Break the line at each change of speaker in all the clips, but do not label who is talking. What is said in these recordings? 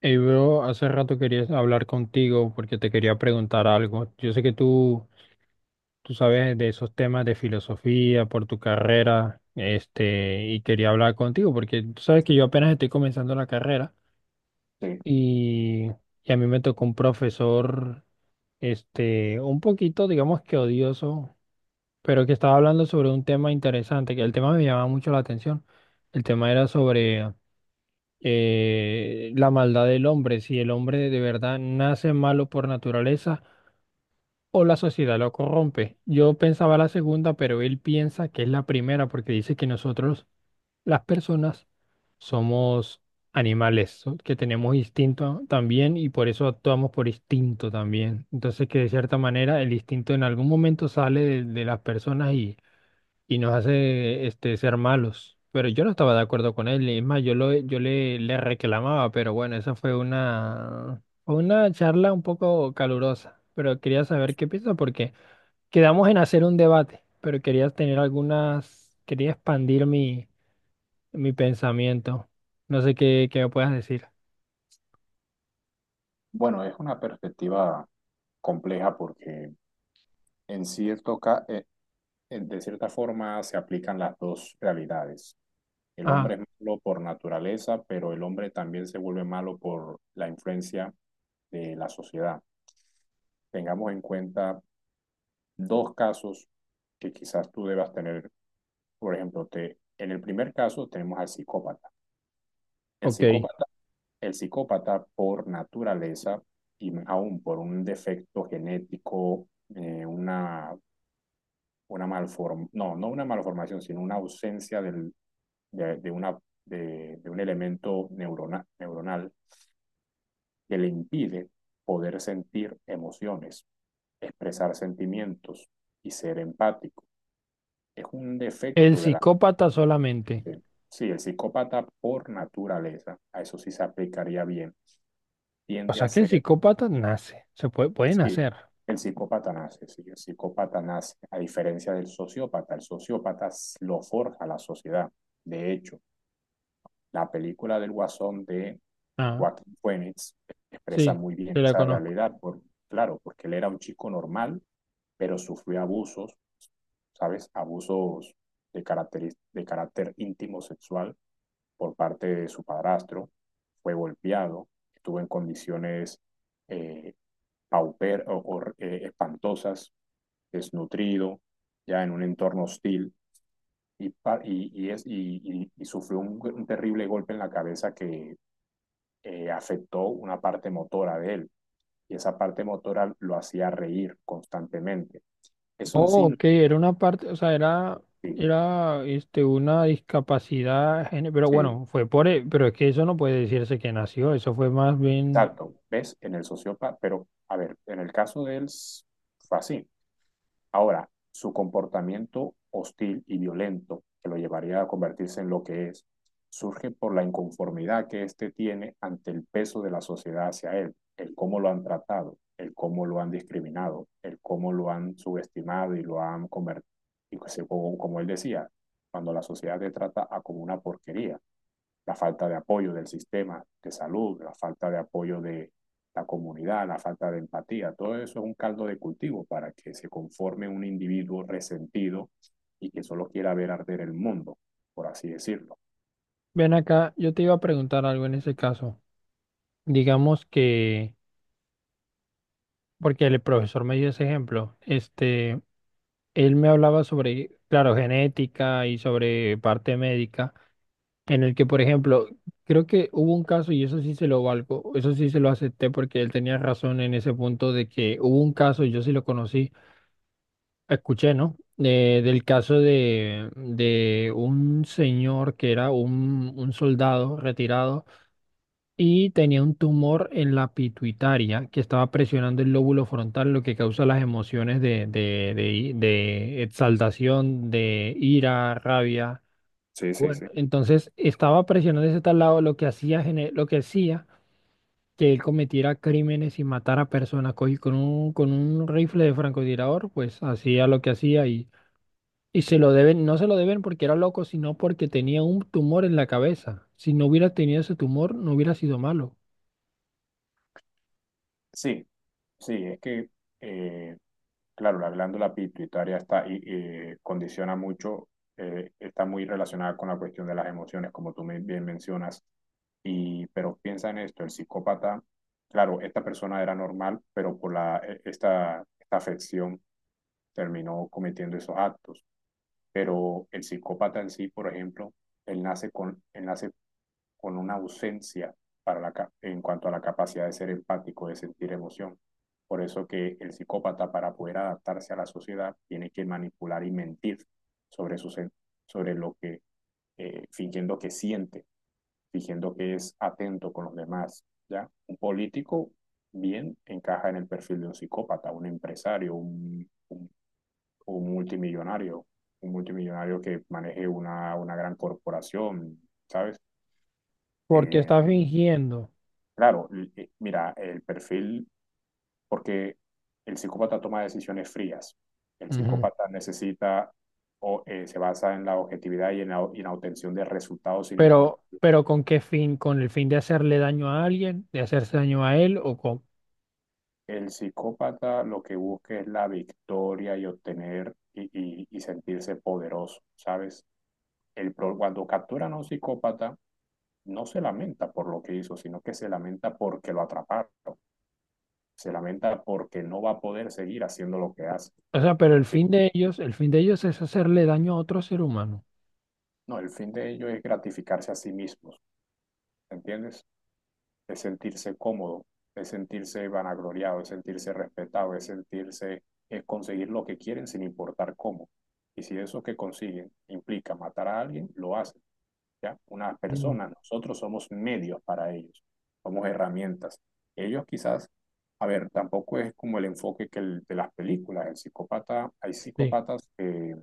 Hey, bro, hace rato quería hablar contigo porque te quería preguntar algo. Yo sé que tú sabes de esos temas de filosofía por tu carrera, este, y quería hablar contigo porque tú sabes que yo apenas estoy comenzando la carrera
Sí,
y, y a mí me tocó un profesor, este, un poquito, digamos que odioso, pero que estaba hablando sobre un tema interesante, que el tema me llamaba mucho la atención. El tema era sobre la maldad del hombre, si el hombre de verdad nace malo por naturaleza o la sociedad lo corrompe. Yo pensaba la segunda, pero él piensa que es la primera porque dice que nosotros, las personas, somos animales, que tenemos instinto también y por eso actuamos por instinto también. Entonces que de cierta manera el instinto en algún momento sale de las personas y nos hace este, ser malos. Pero yo no estaba de acuerdo con él, y es más, yo le reclamaba, pero bueno, esa fue una charla un poco calurosa, pero quería saber qué piensa porque quedamos en hacer un debate, pero quería tener algunas, quería expandir mi pensamiento. No sé qué me puedas decir.
bueno, es una perspectiva compleja porque en cierto ca- eh, de cierta forma se aplican las dos realidades. El hombre
Ah,
es malo por naturaleza, pero el hombre también se vuelve malo por la influencia de la sociedad. Tengamos en cuenta dos casos que quizás tú debas tener. Por ejemplo, en el primer caso tenemos al psicópata. El
ok.
psicópata, el psicópata por naturaleza y aún por un defecto genético, eh, una una malformación, no, no una malformación, sino una ausencia del, de, una, de un elemento neuronal que le impide poder sentir emociones, expresar sentimientos y ser empático. Es un
El
defecto de la...
psicópata solamente.
De, sí, el psicópata por naturaleza, a eso sí se aplicaría bien,
O
tiende a
sea que el
ser,
psicópata nace, puede
sí,
nacer.
el psicópata nace, a diferencia del sociópata, el sociópata lo forja la sociedad. De hecho, la película del Guasón de
Ah,
Joaquín Phoenix expresa
sí,
muy bien
se la
esa
conozco.
realidad, claro, porque él era un chico normal, pero sufrió abusos, ¿sabes? Abusos de carácter íntimo sexual por parte de su padrastro, fue golpeado, estuvo en condiciones eh, pauper o espantosas, desnutrido, ya en un entorno hostil, y, y sufrió un terrible golpe en la cabeza que afectó una parte motora de él y esa parte motora lo hacía reír constantemente. Eso en
Oh,
sí,
ok, era una parte,
sí,
era este, una discapacidad, pero
sí,
bueno, fue por, pero es que eso no puede decirse que nació, eso fue más bien,
exacto, ves, en el sociópata, pero a ver, en el caso de él fue así. Ahora, su comportamiento hostil y violento, que lo llevaría a convertirse en lo que es, surge por la inconformidad que éste tiene ante el peso de la sociedad hacia él, el cómo lo han tratado, el cómo lo han discriminado, el cómo lo han subestimado y lo han convertido, como él decía, cuando la sociedad te trata a como una porquería, la falta de apoyo del sistema de salud, la falta de apoyo de la comunidad, la falta de empatía, todo eso es un caldo de cultivo para que se conforme un individuo resentido y que solo quiera ver arder el mundo, por así decirlo.
ven acá, yo te iba a preguntar algo en ese caso, digamos que, porque el profesor me dio ese ejemplo, este, él me hablaba sobre, claro, genética y sobre parte médica, en el que, por ejemplo, creo que hubo un caso, y eso sí se lo valgo, eso sí se lo acepté porque él tenía razón en ese punto de que hubo un caso, y yo sí lo conocí, escuché, ¿no? Del caso de un señor que era un soldado retirado y tenía un tumor en la pituitaria que estaba presionando el lóbulo frontal, lo que causa las emociones de exaltación, de ira, rabia.
Sí, sí,
Bueno,
sí.
entonces estaba presionando ese tal lado, lo que hacía, lo que hacía que él cometiera crímenes y matara personas. Con con un rifle de francotirador, pues hacía lo que hacía y se lo deben, no se lo deben porque era loco, sino porque tenía un tumor en la cabeza. Si no hubiera tenido ese tumor, no hubiera sido malo.
Sí, sí, es que eh, claro, la glándula pituitaria condiciona mucho, está muy relacionada con la cuestión de las emociones, como tú bien mencionas. Y pero piensa en esto, el psicópata, claro, esta persona era normal, pero por esta afección terminó cometiendo esos actos. Pero el psicópata en sí, por ejemplo, él nace con una ausencia para la, en cuanto a la capacidad de ser empático, de sentir emoción. Por eso que el psicópata, para poder adaptarse a la sociedad, tiene que manipular y mentir sobre, su, sobre lo que, fingiendo que siente, fingiendo que es atento con los demás. ¿Ya? Un político bien encaja en el perfil de un psicópata, un empresario, un multimillonario, un multimillonario que maneje una gran corporación, ¿sabes?
Porque
Eh,
está fingiendo.
Claro, mira, el perfil, porque el psicópata toma decisiones frías. El
Ujú.
psicópata necesita o se basa en la objetividad y en la obtención de resultados sin importar.
Pero ¿con qué fin? ¿Con el fin de hacerle daño a alguien? ¿De hacerse daño a él? O con...
El psicópata lo que busca es la victoria y obtener y, y sentirse poderoso, ¿sabes? Cuando capturan a un psicópata, no se lamenta por lo que hizo, sino que se lamenta porque lo atraparon. Se lamenta porque no va a poder seguir haciendo lo que hace.
O sea, pero el
Un
fin
psicópata
de ellos, el fin de ellos es hacerle daño a otro ser humano.
No, el fin de ello es gratificarse a sí mismos, ¿entiendes? Es sentirse cómodo, es sentirse vanagloriado, es sentirse respetado, es sentirse, es conseguir lo que quieren sin importar cómo. Y si eso que consiguen implica matar a alguien, lo hacen, ¿ya? Una
Mm.
persona, nosotros somos medios para ellos, somos herramientas. Ellos quizás, a ver, tampoco es como el enfoque que el, de las películas, el psicópata, hay
Sí.
psicópatas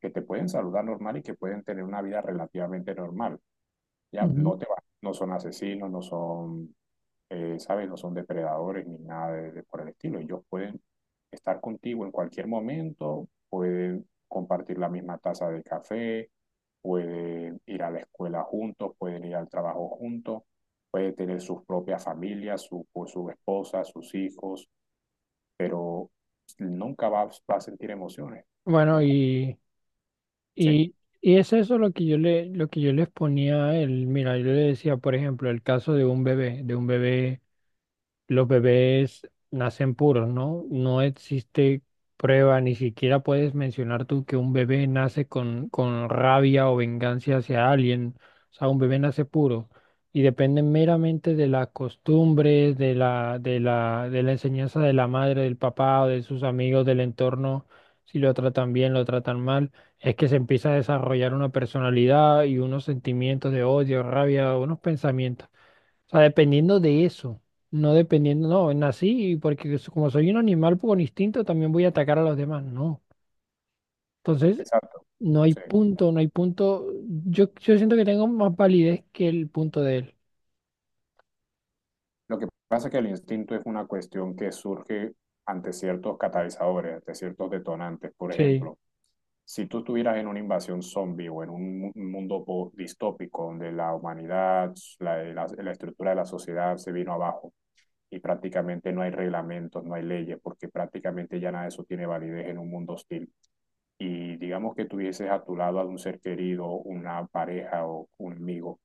que te pueden saludar normal y que pueden tener una vida relativamente normal, ya
Ujú.
no te vas, no son asesinos, no son, ¿sabes? No son depredadores ni nada de, de por el estilo. Ellos pueden estar contigo en cualquier momento, pueden compartir la misma taza de café, pueden ir a la escuela juntos, pueden ir al trabajo juntos, pueden tener sus propias familias, o su esposa, sus hijos, pero nunca va a sentir emociones.
Bueno,
Nunca.
y,
Sí,
y, y es eso lo que yo le, lo que yo les ponía a él. Mira, yo le decía, por ejemplo, el caso de un bebé, los bebés nacen puros, ¿no? No existe prueba, ni siquiera puedes mencionar tú que un bebé nace con rabia o venganza hacia alguien. O sea, un bebé nace puro y depende meramente de las costumbres, de la enseñanza de la madre, del papá o de sus amigos, del entorno, si lo tratan bien, lo tratan mal. Es que se empieza a desarrollar una personalidad y unos sentimientos de odio, rabia, unos pensamientos. O sea, dependiendo de eso. No dependiendo, no, nací y porque como soy un animal por instinto también voy a atacar a los demás. No. Entonces,
exacto.
no hay
Sí.
punto, no hay punto. Yo siento que tengo más validez que el punto de él.
Lo que pasa es que el instinto es una cuestión que surge ante ciertos catalizadores, ante ciertos detonantes. Por
Sí.
ejemplo, si tú estuvieras en una invasión zombie o en un mundo distópico donde la humanidad, la estructura de la sociedad se vino abajo y prácticamente no hay reglamentos, no hay leyes, porque prácticamente ya nada de eso tiene validez en un mundo hostil, y digamos que tuvieses a tu lado a un ser querido, una pareja o un amigo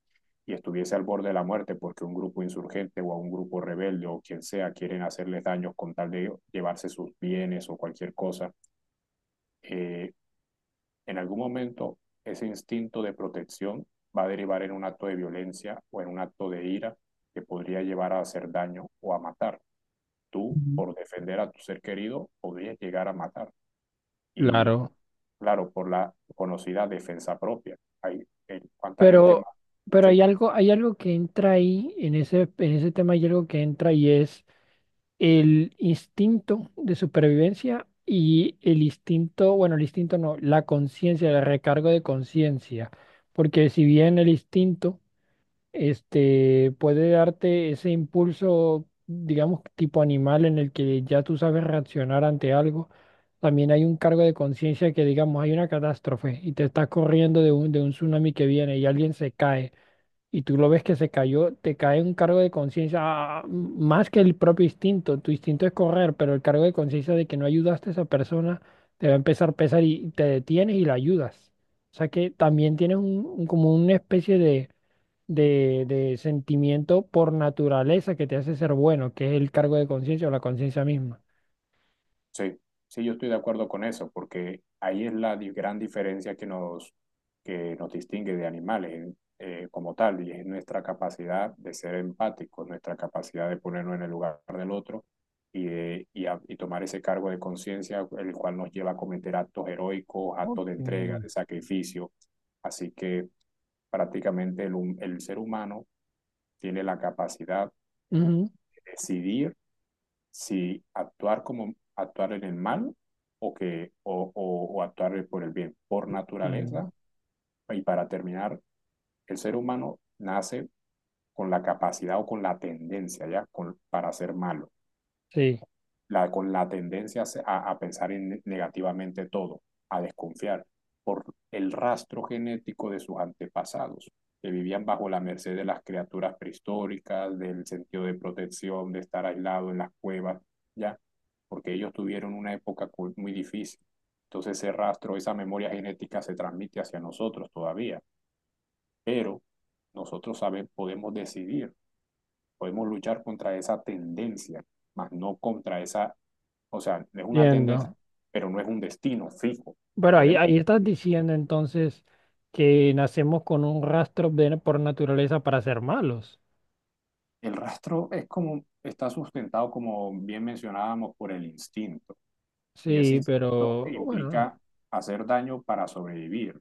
y estuviese al borde de la muerte porque un grupo insurgente o a un grupo rebelde o quien sea quieren hacerles daños con tal de llevarse sus bienes o cualquier cosa, eh, en algún momento ese instinto de protección va a derivar en un acto de violencia o en un acto de ira que podría llevar a hacer daño o a matar. Tú,
Ujú.
por defender a tu ser querido, podrías llegar a matar. Y
Claro,
claro, por la conocida defensa propia. Hay, ¿cuánta gente
pero,
más?
pero
Sí,
hay algo que entra ahí, en ese tema hay algo que entra y es el instinto de supervivencia y el instinto, bueno, el instinto no, la conciencia, el recargo de conciencia, porque si bien el instinto, este, puede darte ese impulso, digamos, tipo animal en el que ya tú sabes reaccionar ante algo, también hay un cargo de conciencia que, digamos, hay una catástrofe y te estás corriendo de un tsunami que viene y alguien se cae y tú lo ves que se cayó, te cae un cargo de conciencia más que el propio instinto. Tu instinto es correr, pero el cargo de conciencia de que no ayudaste a esa persona te va a empezar a pesar y te detienes y la ayudas. O sea que también tienes como una especie de sentimiento por naturaleza que te hace ser bueno, que es el cargo de conciencia o la conciencia misma.
sí, sí, yo estoy de acuerdo con eso, porque ahí es la gran diferencia que nos distingue de animales como tal, y es nuestra capacidad de ser empáticos, nuestra capacidad de ponernos en el lugar del otro y tomar ese cargo de conciencia, el cual nos lleva a cometer actos heroicos,
Ok.
actos de entrega, de sacrificio. Así que prácticamente el ser humano tiene la capacidad
Ujú.
decidir si actuar, como actuar en el mal o, que, o actuar por el bien. Por
Bien.
naturaleza, y para terminar, el ser humano nace con la capacidad o con la tendencia ya con, para ser malo.
Sí,
Con la tendencia a pensar en negativamente todo, a desconfiar por el rastro genético de sus antepasados, que vivían bajo la merced de las criaturas prehistóricas, del sentido de protección, de estar aislado en las cuevas, ¿ya? Porque ellos tuvieron una época muy difícil. Entonces ese rastro, esa memoria genética se transmite hacia nosotros todavía, pero nosotros sabemos, podemos decidir, podemos luchar contra esa tendencia, más no contra esa, o sea, es una tendencia,
entiendo.
pero no es un destino fijo.
Bueno,
Podemos
ahí estás
decir.
diciendo entonces que nacemos con un rastro por naturaleza para ser malos.
El rastro es como, está sustentado, como bien mencionábamos, por el instinto. Y ese
Sí,
instinto
pero bueno,
implica hacer daño para sobrevivir,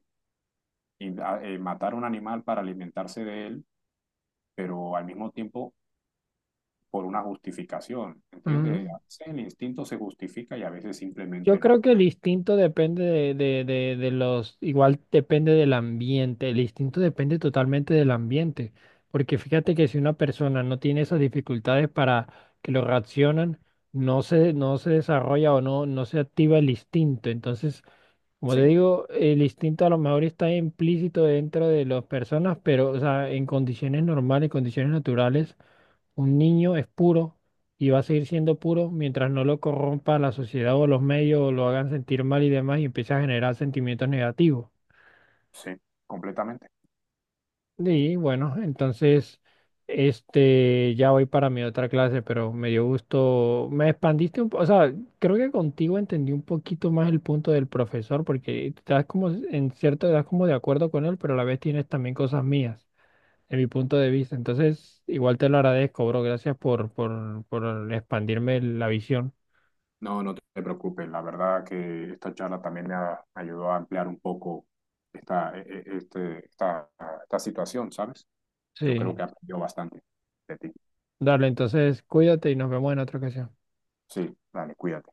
y, matar a un animal para alimentarse de él, pero al mismo tiempo por una justificación. ¿Entiendes?
mm,
A veces el instinto se justifica y a veces
yo
simplemente
creo
no.
que el instinto depende igual depende del ambiente, el instinto depende totalmente del ambiente, porque fíjate que si una persona no tiene esas dificultades para que lo reaccionan, no se desarrolla o no se activa el instinto, entonces como te
¿Sí?
digo, el instinto a lo mejor está implícito dentro de las personas, pero o sea, en condiciones normales, en condiciones naturales, un niño es puro y va a seguir siendo puro mientras no lo corrompa la sociedad o los medios o lo hagan sentir mal y demás y empiece a generar sentimientos negativos.
Sí, completamente.
Y bueno, entonces, este, ya voy para mi otra clase, pero me dio gusto, me expandiste un poco, o sea, creo que contigo entendí un poquito más el punto del profesor, porque estás como, en cierto, estás como de acuerdo con él, pero a la vez tienes también cosas mías, de mi punto de vista. Entonces, igual te lo agradezco, bro, gracias por expandirme la visión.
No, no te preocupes. La verdad que esta charla también me ayudó a ampliar un poco esta, e- e- este, esta situación, ¿sabes? Yo creo
Sí,
que aprendió bastante de ti.
dale, entonces, cuídate y nos vemos en otra ocasión.
Sí, dale, cuídate.